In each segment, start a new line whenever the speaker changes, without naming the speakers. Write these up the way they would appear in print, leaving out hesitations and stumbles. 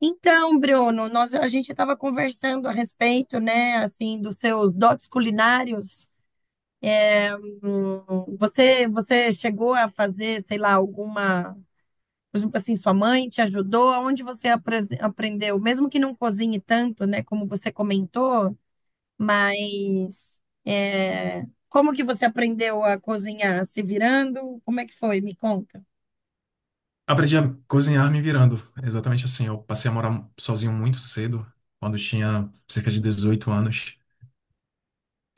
Então, Bruno, a gente estava conversando a respeito, né, assim, dos seus dotes culinários. Você chegou a fazer, sei lá, alguma, por exemplo, assim, sua mãe te ajudou? Aonde você aprendeu? Mesmo que não cozinhe tanto, né, como você comentou, mas é, como que você aprendeu a cozinhar? Se virando? Como é que foi? Me conta.
Aprendi a cozinhar me virando. É exatamente assim. Eu passei a morar sozinho muito cedo, quando eu tinha cerca de 18 anos.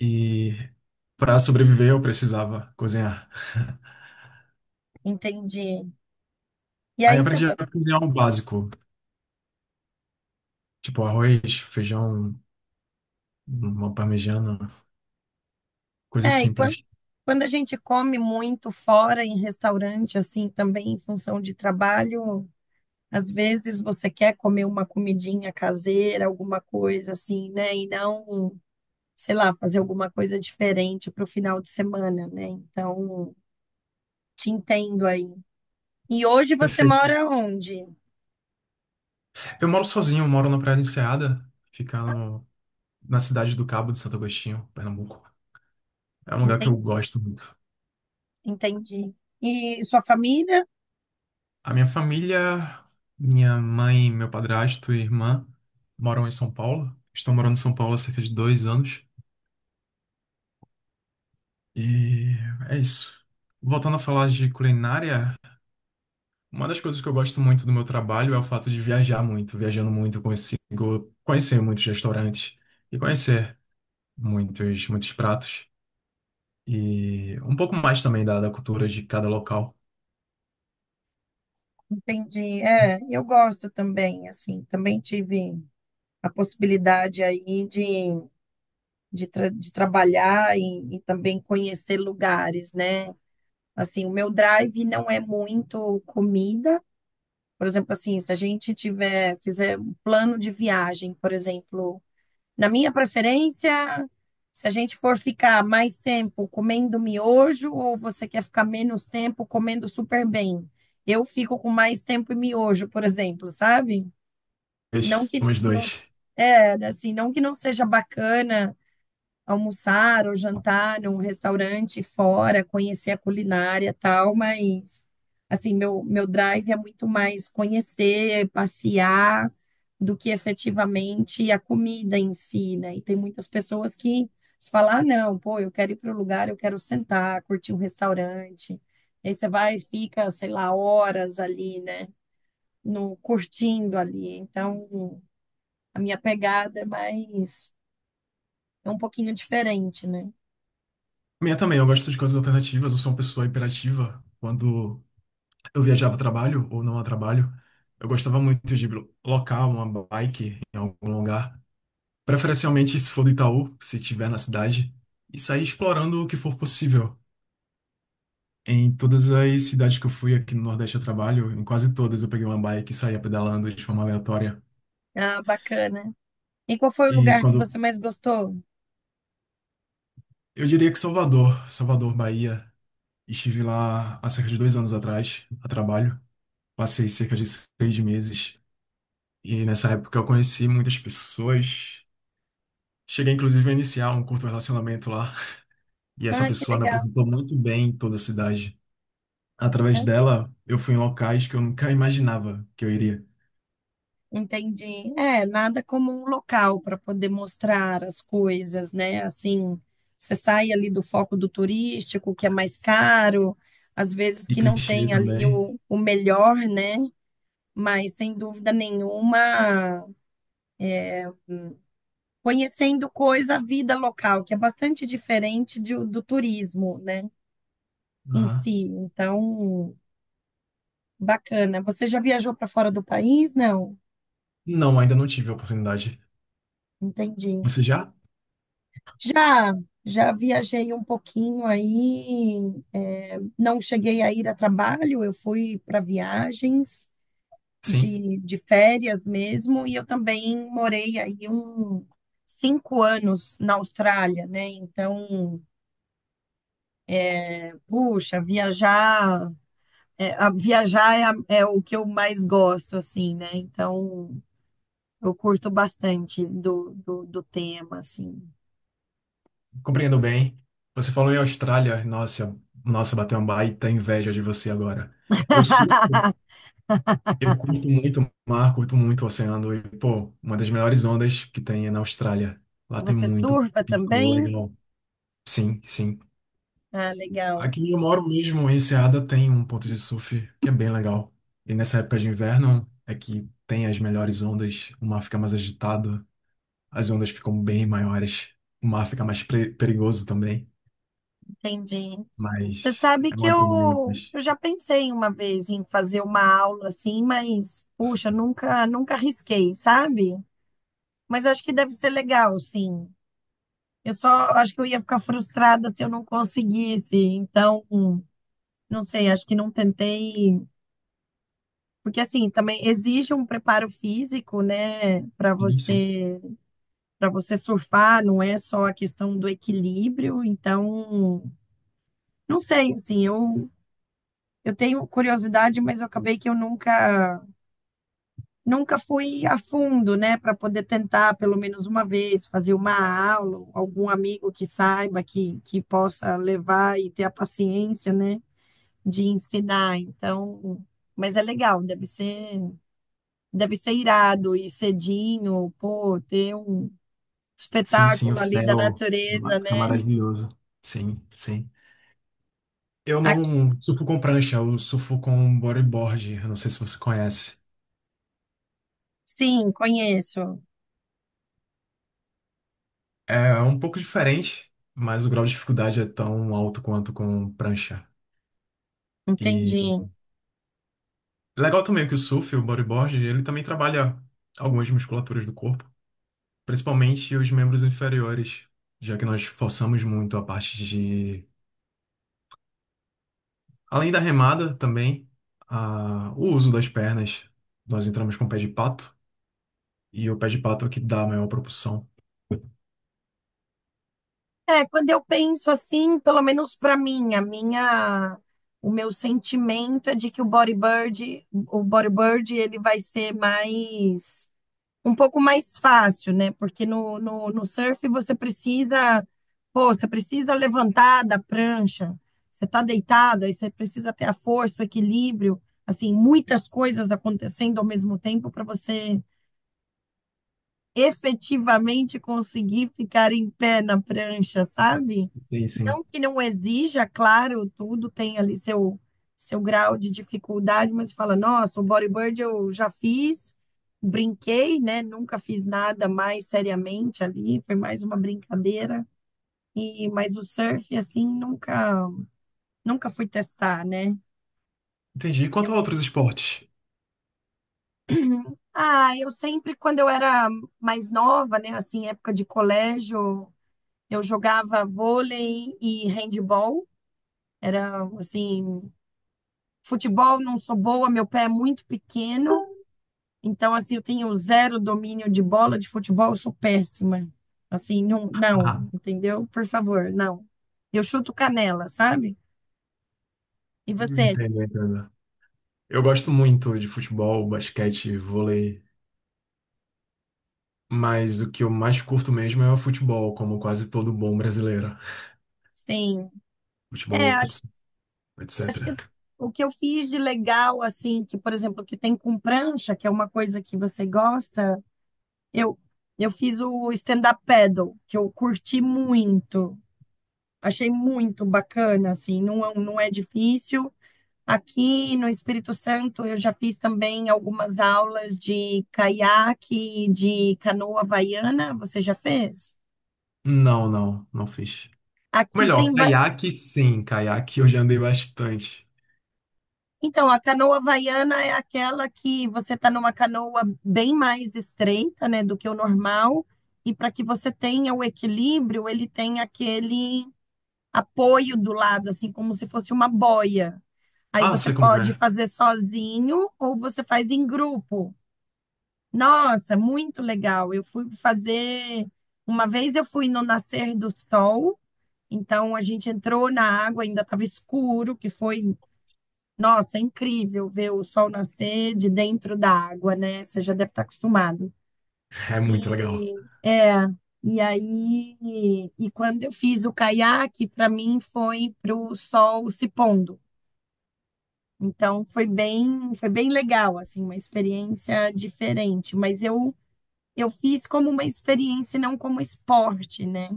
E para sobreviver, eu precisava cozinhar.
Entendi. E
Aí
aí você,
aprendi a cozinhar o básico, tipo arroz, feijão, uma parmegiana, coisas
é, e quando
simples.
Quando a gente come muito fora, em restaurante, assim, também em função de trabalho, às vezes você quer comer uma comidinha caseira, alguma coisa assim, né? E não, sei lá, fazer alguma coisa diferente para o final de semana, né? Então, te entendo aí. E hoje você
Perfeito.
mora onde?
Eu moro sozinho, moro na Praia da Enseada, fica no- na cidade do Cabo de Santo Agostinho, Pernambuco. É um lugar que eu
Enten-
gosto muito.
Entendi. E sua família?
A minha família, minha mãe, meu padrasto e irmã moram em São Paulo. Estão morando em São Paulo há cerca de 2 anos. E é isso. Voltando a falar de culinária, uma das coisas que eu gosto muito do meu trabalho é o fato de viajar muito. Viajando muito, eu consigo conhecer muitos restaurantes e conhecer muitos, muitos pratos. E um pouco mais também da cultura de cada local.
Entendi. É, eu gosto também, assim, também tive a possibilidade aí de trabalhar e também conhecer lugares, né? Assim, o meu drive não é muito comida. Por exemplo, assim, se a gente tiver, fizer um plano de viagem, por exemplo, na minha preferência, se a gente for ficar mais tempo comendo miojo ou você quer ficar menos tempo comendo super bem, eu fico com mais tempo em miojo, por exemplo, sabe? Não
Dois.
que
Somos
não,
dois.
é, assim, não que não seja bacana almoçar ou jantar num restaurante fora, conhecer a culinária e tal, mas assim, meu drive é muito mais conhecer, passear, do que efetivamente a comida em si, né? E tem muitas pessoas que se falar, "Ah, não, pô, eu quero ir para o lugar, eu quero sentar, curtir um restaurante. E aí você vai e fica, sei lá, horas ali, né? No curtindo ali. Então, a minha pegada é mais é um pouquinho diferente, né?
Minha também, eu gosto de coisas alternativas, eu sou uma pessoa hiperativa. Quando eu viajava a trabalho ou não a trabalho, eu gostava muito de locar uma bike em algum lugar, preferencialmente se for do Itaú, se tiver na cidade, e sair explorando o que for possível. Em todas as cidades que eu fui aqui no Nordeste a trabalho, em quase todas eu peguei uma bike e saía pedalando de forma aleatória.
Ah, bacana. E qual foi o
E
lugar que
quando
você mais gostou?
Eu diria que Salvador, Salvador, Bahia. Estive lá há cerca de 2 anos atrás, a trabalho. Passei cerca de 6 meses e nessa época eu conheci muitas pessoas. Cheguei inclusive a iniciar um curto relacionamento lá e essa
Ah, que
pessoa me
legal,
apresentou muito bem em toda a cidade. Através
né?
dela, eu fui em locais que eu nunca imaginava que eu iria.
Entendi. É, nada como um local para poder mostrar as coisas, né? Assim, você sai ali do foco do turístico, que é mais caro, às vezes
E
que não
clichê
tem ali
também.
o melhor, né? Mas sem dúvida nenhuma, conhecendo coisa, a vida local, que é bastante diferente de- do turismo, né? Em
Aham.
si. Então. Bacana. Você já viajou para fora do país? Não,
Não, ainda não tive a oportunidade.
entendi.
Você já?
Já, já viajei um pouquinho aí. É, não cheguei a ir a trabalho, eu fui para viagens
Sim.
de férias mesmo, e eu também morei aí um 5 anos na Austrália, né? Então, é, puxa, viajar é, a- é o que eu mais gosto, assim, né? Então, eu curto bastante do tema, assim.
Compreendo bem. Você falou em Austrália. Nossa, nossa, bateu uma baita inveja de você agora. Eu surfo, eu curto muito o mar, curto muito o oceano. E, pô, uma das melhores ondas que tem é na Austrália. Lá tem
Você
muito
surfa
pico
também?
legal. Sim, sim.
Ah, legal,
Aqui onde eu moro mesmo, em Enseada, tem um ponto de surf que é bem legal. E nessa época de inverno é que tem as melhores ondas. O mar fica mais agitado, as ondas ficam bem maiores. O mar fica mais perigoso também.
entendi. Você
Mas
sabe
é
que
uma adrenalina,
eu,
mas
eu já pensei uma vez em fazer uma aula assim, mas puxa, nunca arrisquei, sabe? Mas acho que deve ser legal, sim. Eu só acho que eu ia ficar frustrada se eu não conseguisse. Então, não sei, acho que não tentei, porque assim, também exige um preparo físico, né, para
sim, sim.
você para você surfar, não é só a questão do equilíbrio, então Não sei, assim, eu tenho curiosidade, mas eu acabei que eu nunca fui a fundo, né, para poder tentar pelo menos uma vez fazer uma aula, algum amigo que saiba, que possa levar e ter a paciência, né, de ensinar. Então, mas é legal, deve ser irado e cedinho, pô, ter um
Sim, sim, o
espetáculo ali da
céu
natureza,
fica
né?
maravilhoso. Sim, sim. Eu
Aqui,
não surfo com prancha, eu surfo com bodyboard. Eu não sei se você conhece.
sim, conheço,
É um pouco diferente, mas o grau de dificuldade é tão alto quanto com prancha. E
entendi.
legal também que o surf, o bodyboard, ele também trabalha algumas musculaturas do corpo, principalmente os membros inferiores, já que nós forçamos muito a parte. Além da remada, também, o uso das pernas. Nós entramos com o pé de pato, e o pé de pato é o que dá a maior propulsão.
É, quando eu penso assim, pelo menos para mim, a minha, o meu sentimento é de que o bodyboard, ele vai ser mais, um pouco mais fácil, né? Porque no surf você precisa, pô, você precisa levantar da prancha, você tá deitado, aí você precisa ter a força, o equilíbrio, assim, muitas coisas acontecendo ao mesmo tempo para você efetivamente conseguir ficar em pé na prancha, sabe?
E sim.
Não que não exija, claro, tudo tem ali seu, seu grau de dificuldade, mas fala, nossa, o bodyboard eu já fiz, brinquei, né? Nunca fiz nada mais seriamente ali, foi mais uma brincadeira. E, mas o surf, assim, nunca, nunca fui testar, né?
Entendi. E quanto a outros esportes?
Ah, eu sempre, quando eu era mais nova, né? Assim, época de colégio, eu jogava vôlei e handball. Era, assim, futebol não sou boa, meu pé é muito pequeno, então, assim, eu tenho zero domínio de bola de futebol, eu sou péssima. Assim, não,
Ah,
não, entendeu? Por favor, não. Eu chuto canela, sabe? E você?
entendo, entendo. Eu gosto muito de futebol, basquete, vôlei, mas o que eu mais curto mesmo é o futebol, como quase todo bom brasileiro.
Sim. É,
Futebol,
acho,
futsal, etc.
o que eu fiz de legal, assim, que, por exemplo, que tem com prancha, que é uma coisa que você gosta, eu, eu fiz o stand-up paddle, que eu curti muito. Achei muito bacana, assim, não, não é difícil. Aqui no Espírito Santo, eu já fiz também algumas aulas de caiaque, de canoa havaiana. Você já fez?
Não, não, não fiz.
Aqui
Melhor,
tem.
caiaque, sim, caiaque eu já andei bastante.
Então, a canoa havaiana é aquela que você está numa canoa bem mais estreita, né, do que o normal. E para que você tenha o equilíbrio, ele tem aquele apoio do lado, assim, como se fosse uma boia. Aí
Ah,
você
sei como
pode
é.
fazer sozinho ou você faz em grupo. Nossa, muito legal. Eu fui fazer. Uma vez eu fui no nascer do sol, então a gente entrou na água, ainda estava escuro, que foi, nossa, é incrível ver o sol nascer de dentro da água, né? Você já deve estar acostumado.
É muito legal.
E é, e aí, e quando eu fiz o caiaque, para mim foi para o sol se pondo. Então foi bem legal, assim, uma experiência diferente. Mas eu fiz como uma experiência e não como esporte, né?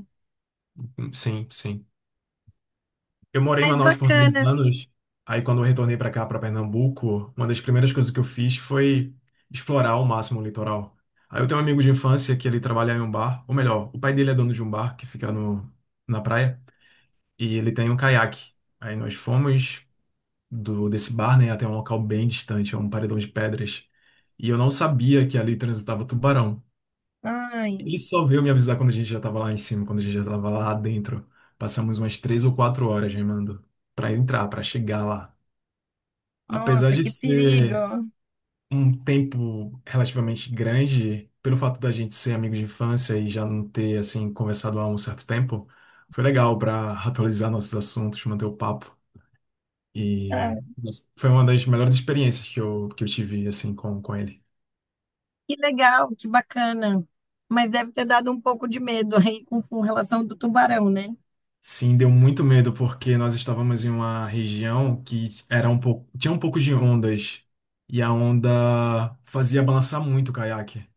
Sim, sim. Eu morei em
Mas
Manaus por 10
bacana.
anos. Aí, quando eu retornei para cá, para Pernambuco, uma das primeiras coisas que eu fiz foi explorar ao máximo o litoral. Aí, eu tenho um amigo de infância que ele trabalha em um bar, ou melhor, o pai dele é dono de um bar que fica no, na praia, e ele tem um caiaque. Aí, nós fomos do desse bar, né, até um local bem distante, é um paredão de pedras. E eu não sabia que ali transitava tubarão.
Ai,
Ele só veio me avisar quando a gente já tava lá em cima, quando a gente já tava lá dentro. Passamos umas 3 ou 4 horas remando pra entrar, pra chegar lá. Apesar
nossa,
de
que
ser
perigo.
um tempo relativamente grande, pelo fato da gente ser amigo de infância e já não ter, assim, conversado há um certo tempo, foi legal pra atualizar nossos assuntos, manter o papo.
Ah,
E nossa, foi uma das melhores experiências que eu tive, assim, com ele.
que legal, que bacana. Mas deve ter dado um pouco de medo aí com relação do tubarão, né?
Sim, deu muito medo porque nós estávamos em uma região que era um pouco, tinha um pouco de ondas e a onda fazia balançar muito o caiaque.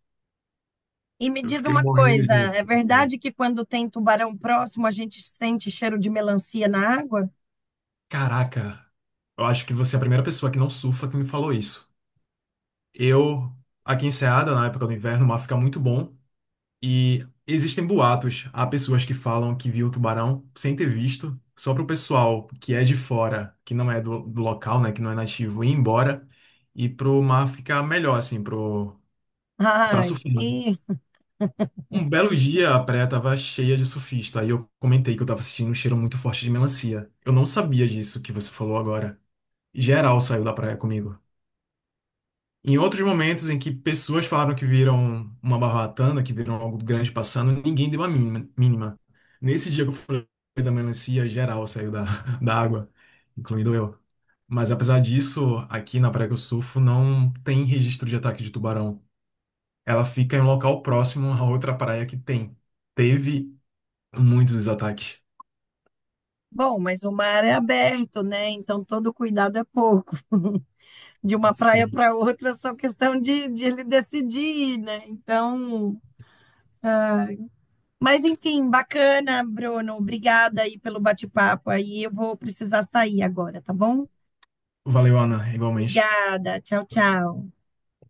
E me
Eu
diz
fiquei
uma
morrendo de
coisa,
medo.
é verdade que quando tem tubarão próximo a gente sente cheiro de melancia na água?
Caraca, eu acho que você é a primeira pessoa que não surfa que me falou isso. Eu, aqui em Ceada, na época do inverno, o mar fica muito bom. E existem boatos. Há pessoas que falam que viu o tubarão sem ter visto, só para o pessoal que é de fora, que não é do local, né, que não é nativo, ir embora e pro mar ficar melhor, assim, pro, pra
Ai,
surfar.
que...
Um belo dia a praia tava cheia de surfista, aí eu comentei que eu tava sentindo um cheiro muito forte de melancia. Eu não sabia disso que você falou agora. Geral saiu da praia comigo. Em outros momentos em que pessoas falaram que viram uma barbatana, que viram algo grande passando, ninguém deu a mínima. Nesse dia que eu falei da melancia, geral saiu da, da água, incluindo eu. Mas apesar disso, aqui na Praia que eu surfo não tem registro de ataque de tubarão. Ela fica em um local próximo a outra praia que tem. Teve muitos ataques.
Bom, mas o mar é aberto, né? Então todo cuidado é pouco. de uma praia
Sim.
para outra, só questão de ele decidir, né? Então, mas enfim, bacana, Bruno. Obrigada aí pelo bate-papo. Aí eu vou precisar sair agora, tá bom?
Valeu, Ana, igualmente.
Obrigada. Tchau, tchau.